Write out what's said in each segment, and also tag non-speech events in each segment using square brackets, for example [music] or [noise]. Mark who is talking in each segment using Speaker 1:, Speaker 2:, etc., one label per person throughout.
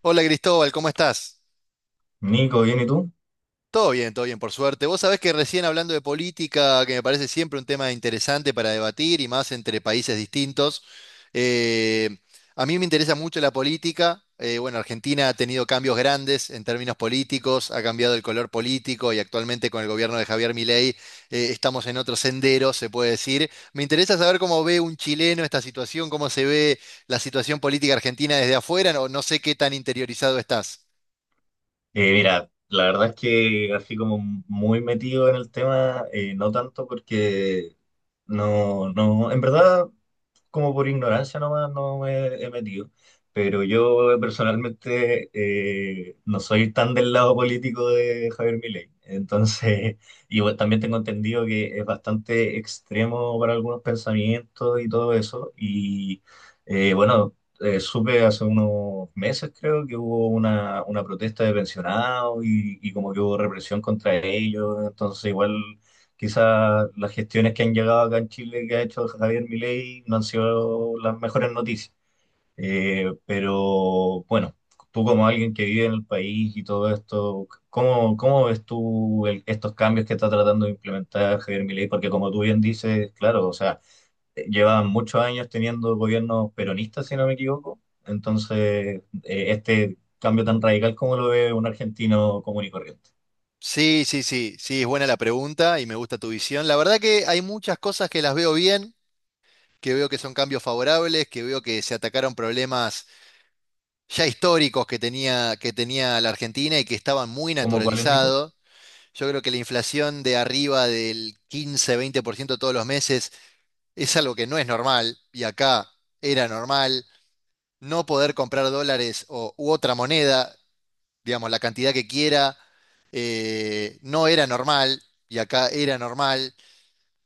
Speaker 1: Hola Cristóbal, ¿cómo estás?
Speaker 2: Nico, bien, ¿y tú?
Speaker 1: Todo bien, por suerte. Vos sabés que recién hablando de política, que me parece siempre un tema interesante para debatir y más entre países distintos, eh, a mí me interesa mucho la política. Bueno, Argentina ha tenido cambios grandes en términos políticos, ha cambiado el color político y actualmente con el gobierno de Javier Milei estamos en otro sendero, se puede decir. Me interesa saber cómo ve un chileno esta situación, cómo se ve la situación política argentina desde afuera. No, no sé qué tan interiorizado estás.
Speaker 2: Mira, la verdad es que así como muy metido en el tema, no tanto porque no, no, en verdad como por ignorancia nomás no me he metido. Pero yo personalmente no soy tan del lado político de Javier Milei. Entonces, [laughs] y bueno, también tengo entendido que es bastante extremo para algunos pensamientos y todo eso. Y bueno, supe hace unos meses, creo, que hubo una protesta de pensionados y como que hubo represión contra ellos. Entonces, igual. Quizás las gestiones que han llegado acá en Chile que ha hecho Javier Milei no han sido las mejores noticias. Pero bueno, tú como alguien que vive en el país y todo esto, ¿cómo ves tú estos cambios que está tratando de implementar Javier Milei? Porque como tú bien dices, claro, o sea, llevan muchos años teniendo gobiernos peronistas, si no me equivoco. Entonces, este cambio tan radical, ¿cómo lo ve un argentino común y corriente?
Speaker 1: Sí, sí, sí, sí, es buena la pregunta y me gusta tu visión. La verdad que hay muchas cosas que las veo bien, que veo que son cambios favorables, que veo que se atacaron problemas ya históricos que tenía la Argentina y que estaban muy
Speaker 2: ¿Cómo cuál es, Nico?
Speaker 1: naturalizados. Yo creo que la inflación de arriba del 15, 20% todos los meses es algo que no es normal, y acá era normal. No poder comprar dólares o, u otra moneda, digamos, la cantidad que quiera, no era normal, y acá era normal.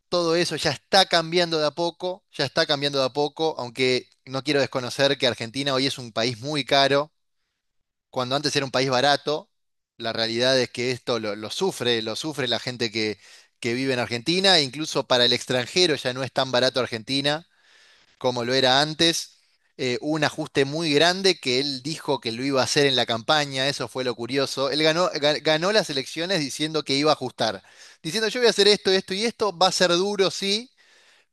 Speaker 1: Todo eso ya está cambiando de a poco, ya está cambiando de a poco, aunque no quiero desconocer que Argentina hoy es un país muy caro, cuando antes era un país barato. La realidad es que esto lo sufre, lo sufre la gente que vive en Argentina, e incluso para el extranjero ya no es tan barato Argentina como lo era antes. Un ajuste muy grande que él dijo que lo iba a hacer en la campaña, eso fue lo curioso. Él ganó, ganó las elecciones diciendo que iba a ajustar, diciendo: yo voy a hacer esto, esto y esto, va a ser duro, sí,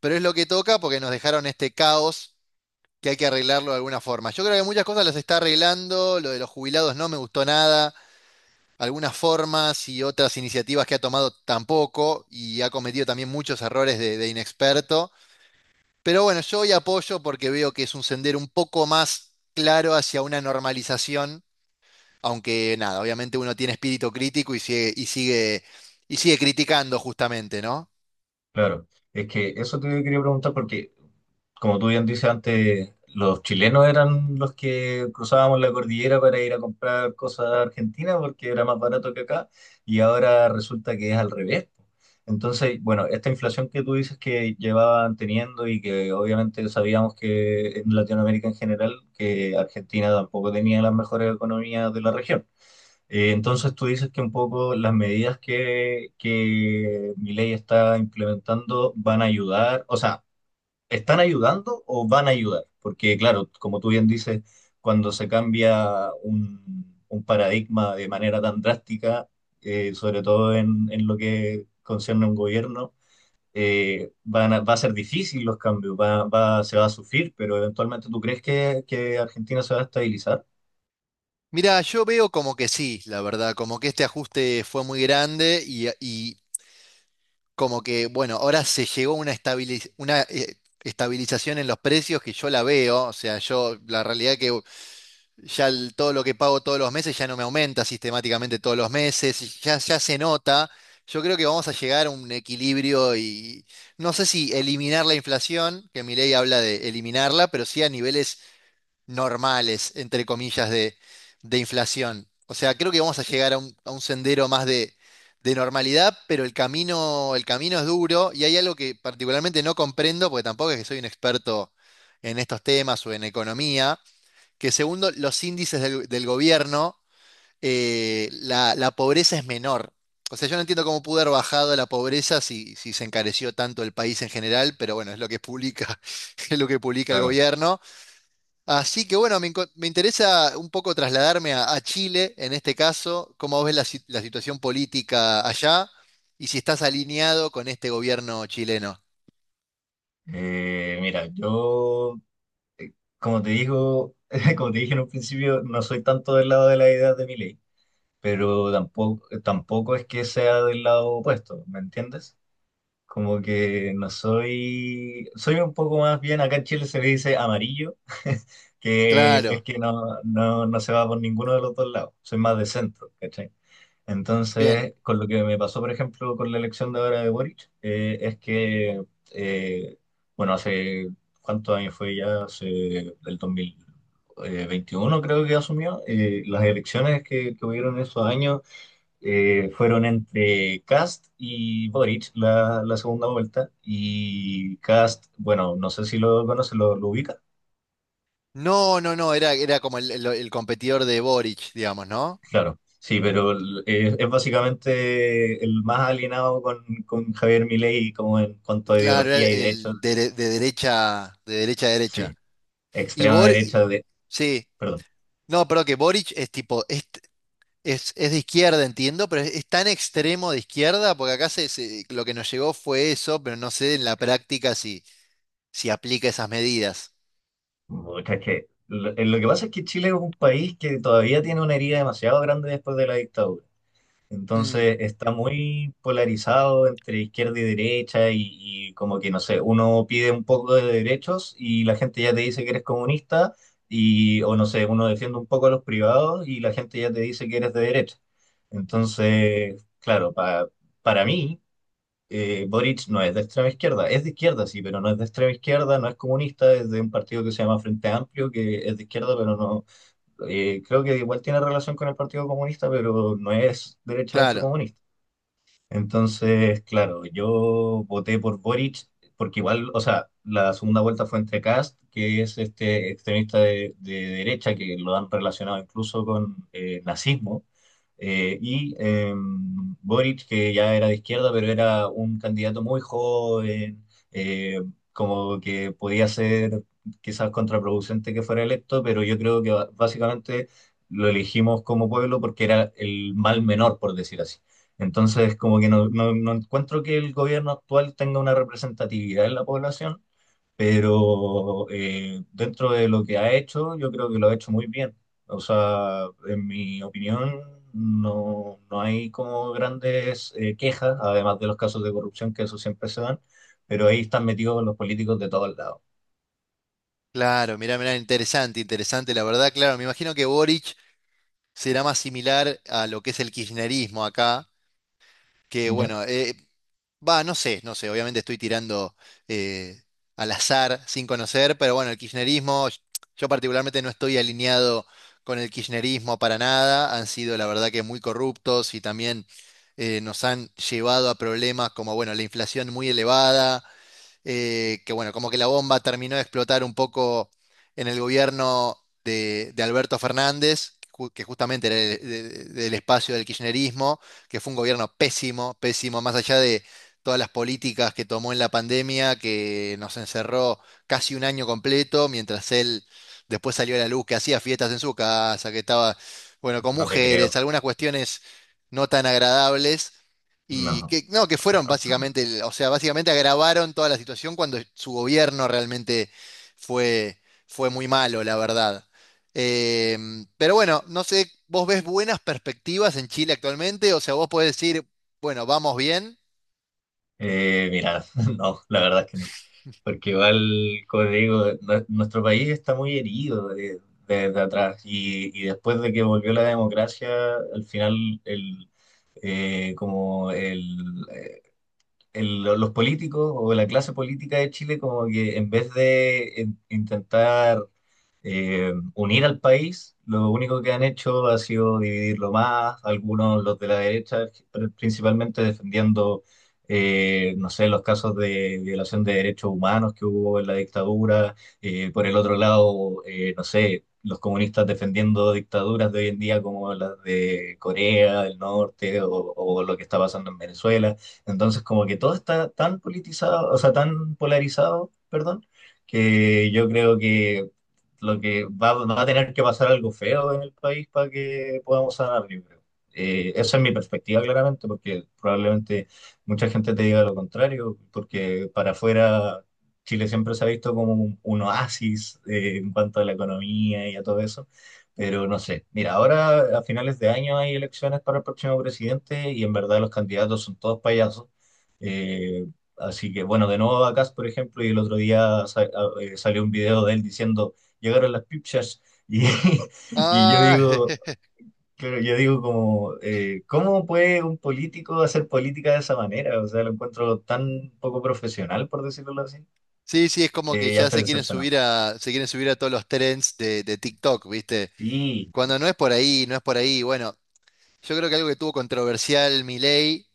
Speaker 1: pero es lo que toca porque nos dejaron este caos que hay que arreglarlo de alguna forma. Yo creo que muchas cosas las está arreglando. Lo de los jubilados no me gustó nada. Algunas formas y otras iniciativas que ha tomado tampoco, y ha cometido también muchos errores de inexperto. Pero bueno, yo hoy apoyo porque veo que es un sendero un poco más claro hacia una normalización, aunque nada, obviamente uno tiene espíritu crítico y sigue, y sigue, y sigue criticando justamente, ¿no?
Speaker 2: Claro, es que eso te quería preguntar porque, como tú bien dices antes, los chilenos eran los que cruzábamos la cordillera para ir a comprar cosas a Argentina porque era más barato que acá y ahora resulta que es al revés. Entonces, bueno, esta inflación que tú dices que llevaban teniendo y que obviamente sabíamos que en Latinoamérica en general, que Argentina tampoco tenía las mejores economías de la región. Entonces tú dices que un poco las medidas que ley está implementando van a ayudar, o sea, ¿están ayudando o van a ayudar? Porque claro, como tú bien dices, cuando se cambia un paradigma de manera tan drástica, sobre todo en lo que concierne a un gobierno, va a ser difícil los cambios, se va a sufrir, pero eventualmente ¿tú crees que Argentina se va a estabilizar?
Speaker 1: Mira, yo veo como que sí, la verdad, como que este ajuste fue muy grande, y como que, bueno, ahora se llegó a una estabilización en los precios, que yo la veo, o sea, yo la realidad que ya todo lo que pago todos los meses ya no me aumenta sistemáticamente todos los meses, y ya se nota. Yo creo que vamos a llegar a un equilibrio, y no sé si eliminar la inflación, que mi ley habla de eliminarla, pero sí a niveles normales, entre comillas, de inflación. O sea, creo que vamos a llegar a un sendero más de normalidad, pero el camino es duro. Y hay algo que particularmente no comprendo, porque tampoco es que soy un experto en estos temas o en economía, que segundo los índices del gobierno, la, la pobreza es menor. O sea, yo no entiendo cómo pudo haber bajado la pobreza si, si se encareció tanto el país en general, pero bueno, es lo que publica, [laughs] es lo que publica el
Speaker 2: Claro.
Speaker 1: gobierno. Así que bueno, me interesa un poco trasladarme a Chile en este caso, cómo ves la, si- la situación política allá, y si estás alineado con este gobierno chileno.
Speaker 2: Mira, yo como te digo, [laughs] como te dije en un principio, no soy tanto del lado de la idea de Milei, pero tampoco, tampoco es que sea del lado opuesto, ¿me entiendes? Como que no soy, soy un poco más bien, acá en Chile se le dice amarillo, [laughs] que es
Speaker 1: Claro,
Speaker 2: que no, no, no se va por ninguno de los dos lados, soy más de centro, ¿cachai?
Speaker 1: bien.
Speaker 2: Entonces, con lo que me pasó, por ejemplo, con la elección de ahora de Boric, es que, eh, bueno, hace cuántos años fue ya, hace del 2021, creo que asumió, las elecciones que hubieron esos años fueron entre Cast y Boric, la segunda vuelta, y Cast, bueno, no sé si lo conoce, lo ubica.
Speaker 1: No, no, no, era, era como el, el competidor de Boric, digamos, ¿no?
Speaker 2: Claro, sí, pero es básicamente el más alienado con Javier Milei como en cuanto a
Speaker 1: Claro, era el,
Speaker 2: ideología y de hecho,
Speaker 1: el dere- de, derecha, de derecha a derecha.
Speaker 2: sí,
Speaker 1: Y
Speaker 2: extrema
Speaker 1: Bor,
Speaker 2: derecha
Speaker 1: sí,
Speaker 2: perdón.
Speaker 1: no, pero que Boric es tipo, es, es de izquierda, entiendo, pero es tan extremo de izquierda, porque acá lo que nos llegó fue eso, pero no sé en la práctica si, si aplica esas medidas.
Speaker 2: Pucha, es que lo que pasa es que Chile es un país que todavía tiene una herida demasiado grande después de la dictadura.
Speaker 1: Mm,
Speaker 2: Entonces está muy polarizado entre izquierda y derecha y como que, no sé, uno pide un poco de derechos y la gente ya te dice que eres comunista y, o no sé, uno defiende un poco a los privados y la gente ya te dice que eres de derecha. Entonces, claro, para mí, Boric no es de extrema izquierda, es de izquierda, sí, pero no es de extrema izquierda, no es comunista, es de un partido que se llama Frente Amplio, que es de izquierda, pero no creo que igual tiene relación con el Partido Comunista, pero no es derechamente
Speaker 1: claro,
Speaker 2: comunista. Entonces, claro, yo voté por Boric porque igual, o sea, la segunda vuelta fue entre Kast, que es este extremista de derecha que lo han relacionado incluso con nazismo, y Boric, que ya era de izquierda, pero era un candidato muy joven, eh, como que podía ser quizás contraproducente que fuera electo, pero yo creo que básicamente lo elegimos como pueblo porque era el mal menor, por decir así. Entonces, como que no, no, no encuentro que el gobierno actual tenga una representatividad en la población, pero dentro de lo que ha hecho, yo creo que lo ha hecho muy bien. O sea, en mi opinión, no, no hay como grandes quejas, además de los casos de corrupción, que eso siempre se dan, pero ahí están metidos los políticos de todos lados.
Speaker 1: claro, mirá, mirá, interesante, interesante, la verdad, claro. Me imagino que Boric será más similar a lo que es el kirchnerismo acá, que
Speaker 2: ¿Ya?
Speaker 1: bueno, va, no sé, no sé, obviamente estoy tirando eh, al azar sin conocer, pero bueno, el kirchnerismo, yo particularmente no estoy alineado con el kirchnerismo para nada, han sido la verdad que muy corruptos, y también nos han llevado a problemas como, bueno, la inflación muy elevada. Que bueno, como que la bomba terminó de explotar un poco en el gobierno de Alberto Fernández, que justamente era del espacio del kirchnerismo, que fue un gobierno pésimo, pésimo, más allá de todas las políticas que tomó en la pandemia, que nos encerró casi un año completo, mientras él después salió a la luz, que hacía fiestas en su casa, que estaba, bueno, con
Speaker 2: No te creo,
Speaker 1: mujeres, algunas cuestiones no tan agradables. Y
Speaker 2: no.
Speaker 1: que, no, que fueron básicamente, o sea, básicamente agravaron toda la situación cuando su gobierno realmente fue, fue muy malo, la verdad. Pero bueno, no sé, ¿vos ves buenas perspectivas en Chile actualmente? O sea, vos podés decir, bueno, vamos bien.
Speaker 2: Mira, [laughs] no, la verdad es que no. Porque igual, como te digo, nuestro país está muy herido desde atrás y después de que volvió la democracia, al final el, como el- lo- los políticos o la clase política de Chile como que en vez de intentar unir al país, lo único que han hecho ha sido dividirlo más, algunos los de la derecha, principalmente defendiendo, no sé, los casos de violación de derechos humanos que hubo en la dictadura, por el otro lado, no sé, los comunistas defendiendo dictaduras de hoy en día como las de Corea del Norte o lo que está pasando en Venezuela. Entonces, como que todo está tan politizado, o sea, tan polarizado, perdón, que yo creo que lo que va a tener que pasar algo feo en el país para que podamos sanar, yo creo. Esa es mi perspectiva, claramente, porque probablemente mucha gente te diga lo contrario, porque para afuera Chile siempre se ha visto como un oasis en cuanto a la economía y a todo eso. Pero no sé, mira, ahora a finales de año hay elecciones para el próximo presidente y en verdad los candidatos son todos payasos. Eh, Así que bueno, de nuevo Bacás, por ejemplo, y el otro día salió un video de él diciendo, llegaron las pipchas y, [laughs] y yo
Speaker 1: Ah,
Speaker 2: digo,
Speaker 1: [laughs]
Speaker 2: claro, yo digo como, ¿cómo puede un político hacer política de esa manera? O sea, lo encuentro tan poco profesional, por decirlo así,
Speaker 1: sí, sí, es como que
Speaker 2: que ya
Speaker 1: ya
Speaker 2: estoy
Speaker 1: se quieren
Speaker 2: decepcionado.
Speaker 1: subir a todos los trends de TikTok, ¿viste?
Speaker 2: Sí,
Speaker 1: Cuando no es por ahí, no es por ahí. Bueno, yo creo que algo que tuvo controversial Milei,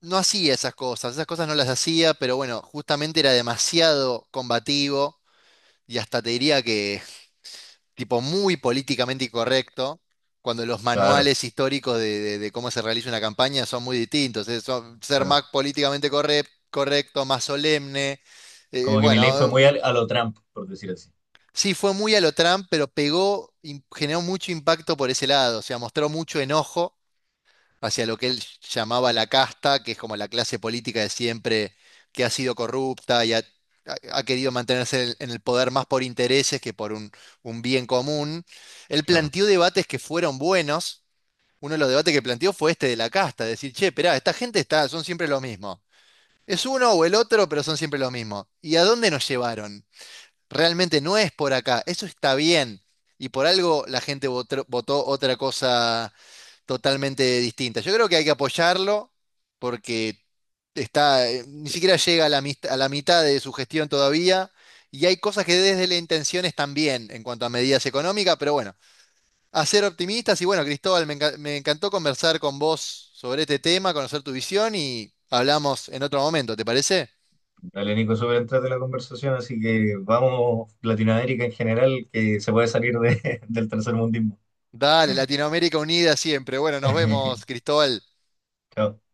Speaker 1: no hacía esas cosas no las hacía, pero bueno, justamente era demasiado combativo, y hasta te diría que tipo muy políticamente incorrecto, cuando los
Speaker 2: claro,
Speaker 1: manuales históricos de cómo se realiza una campaña son muy distintos, ser
Speaker 2: claro.
Speaker 1: más políticamente correcto, más solemne,
Speaker 2: Como que mi ley
Speaker 1: bueno,
Speaker 2: fue muy a lo Trump, por decir así.
Speaker 1: sí, fue muy a lo Trump, pero pegó, generó mucho impacto por ese lado. O sea, mostró mucho enojo hacia lo que él llamaba la casta, que es como la clase política de siempre, que ha sido corrupta y ha, ha querido mantenerse en el poder más por intereses que por un bien común. Él
Speaker 2: Claro.
Speaker 1: planteó debates que fueron buenos. Uno de los debates que planteó fue este de la casta, decir: che, esperá, esta gente está, son siempre lo mismo. Es uno o el otro, pero son siempre lo mismo. ¿Y a dónde nos llevaron? Realmente no es por acá, eso está bien. Y por algo la gente votó otra cosa totalmente distinta. Yo creo que hay que apoyarlo porque está, ni siquiera llega a la mitad de su gestión todavía, y hay cosas que desde la intención están bien en cuanto a medidas económicas, pero bueno, a ser optimistas. Y bueno, Cristóbal, me encantó conversar con vos sobre este tema, conocer tu visión, y hablamos en otro momento, ¿te parece?
Speaker 2: Dale, Nico, súper entrate la conversación, así que vamos, Latinoamérica en general, que se puede salir [laughs] del tercer mundismo.
Speaker 1: Dale, Latinoamérica unida siempre. Bueno, nos vemos,
Speaker 2: [laughs]
Speaker 1: Cristóbal.
Speaker 2: Chao.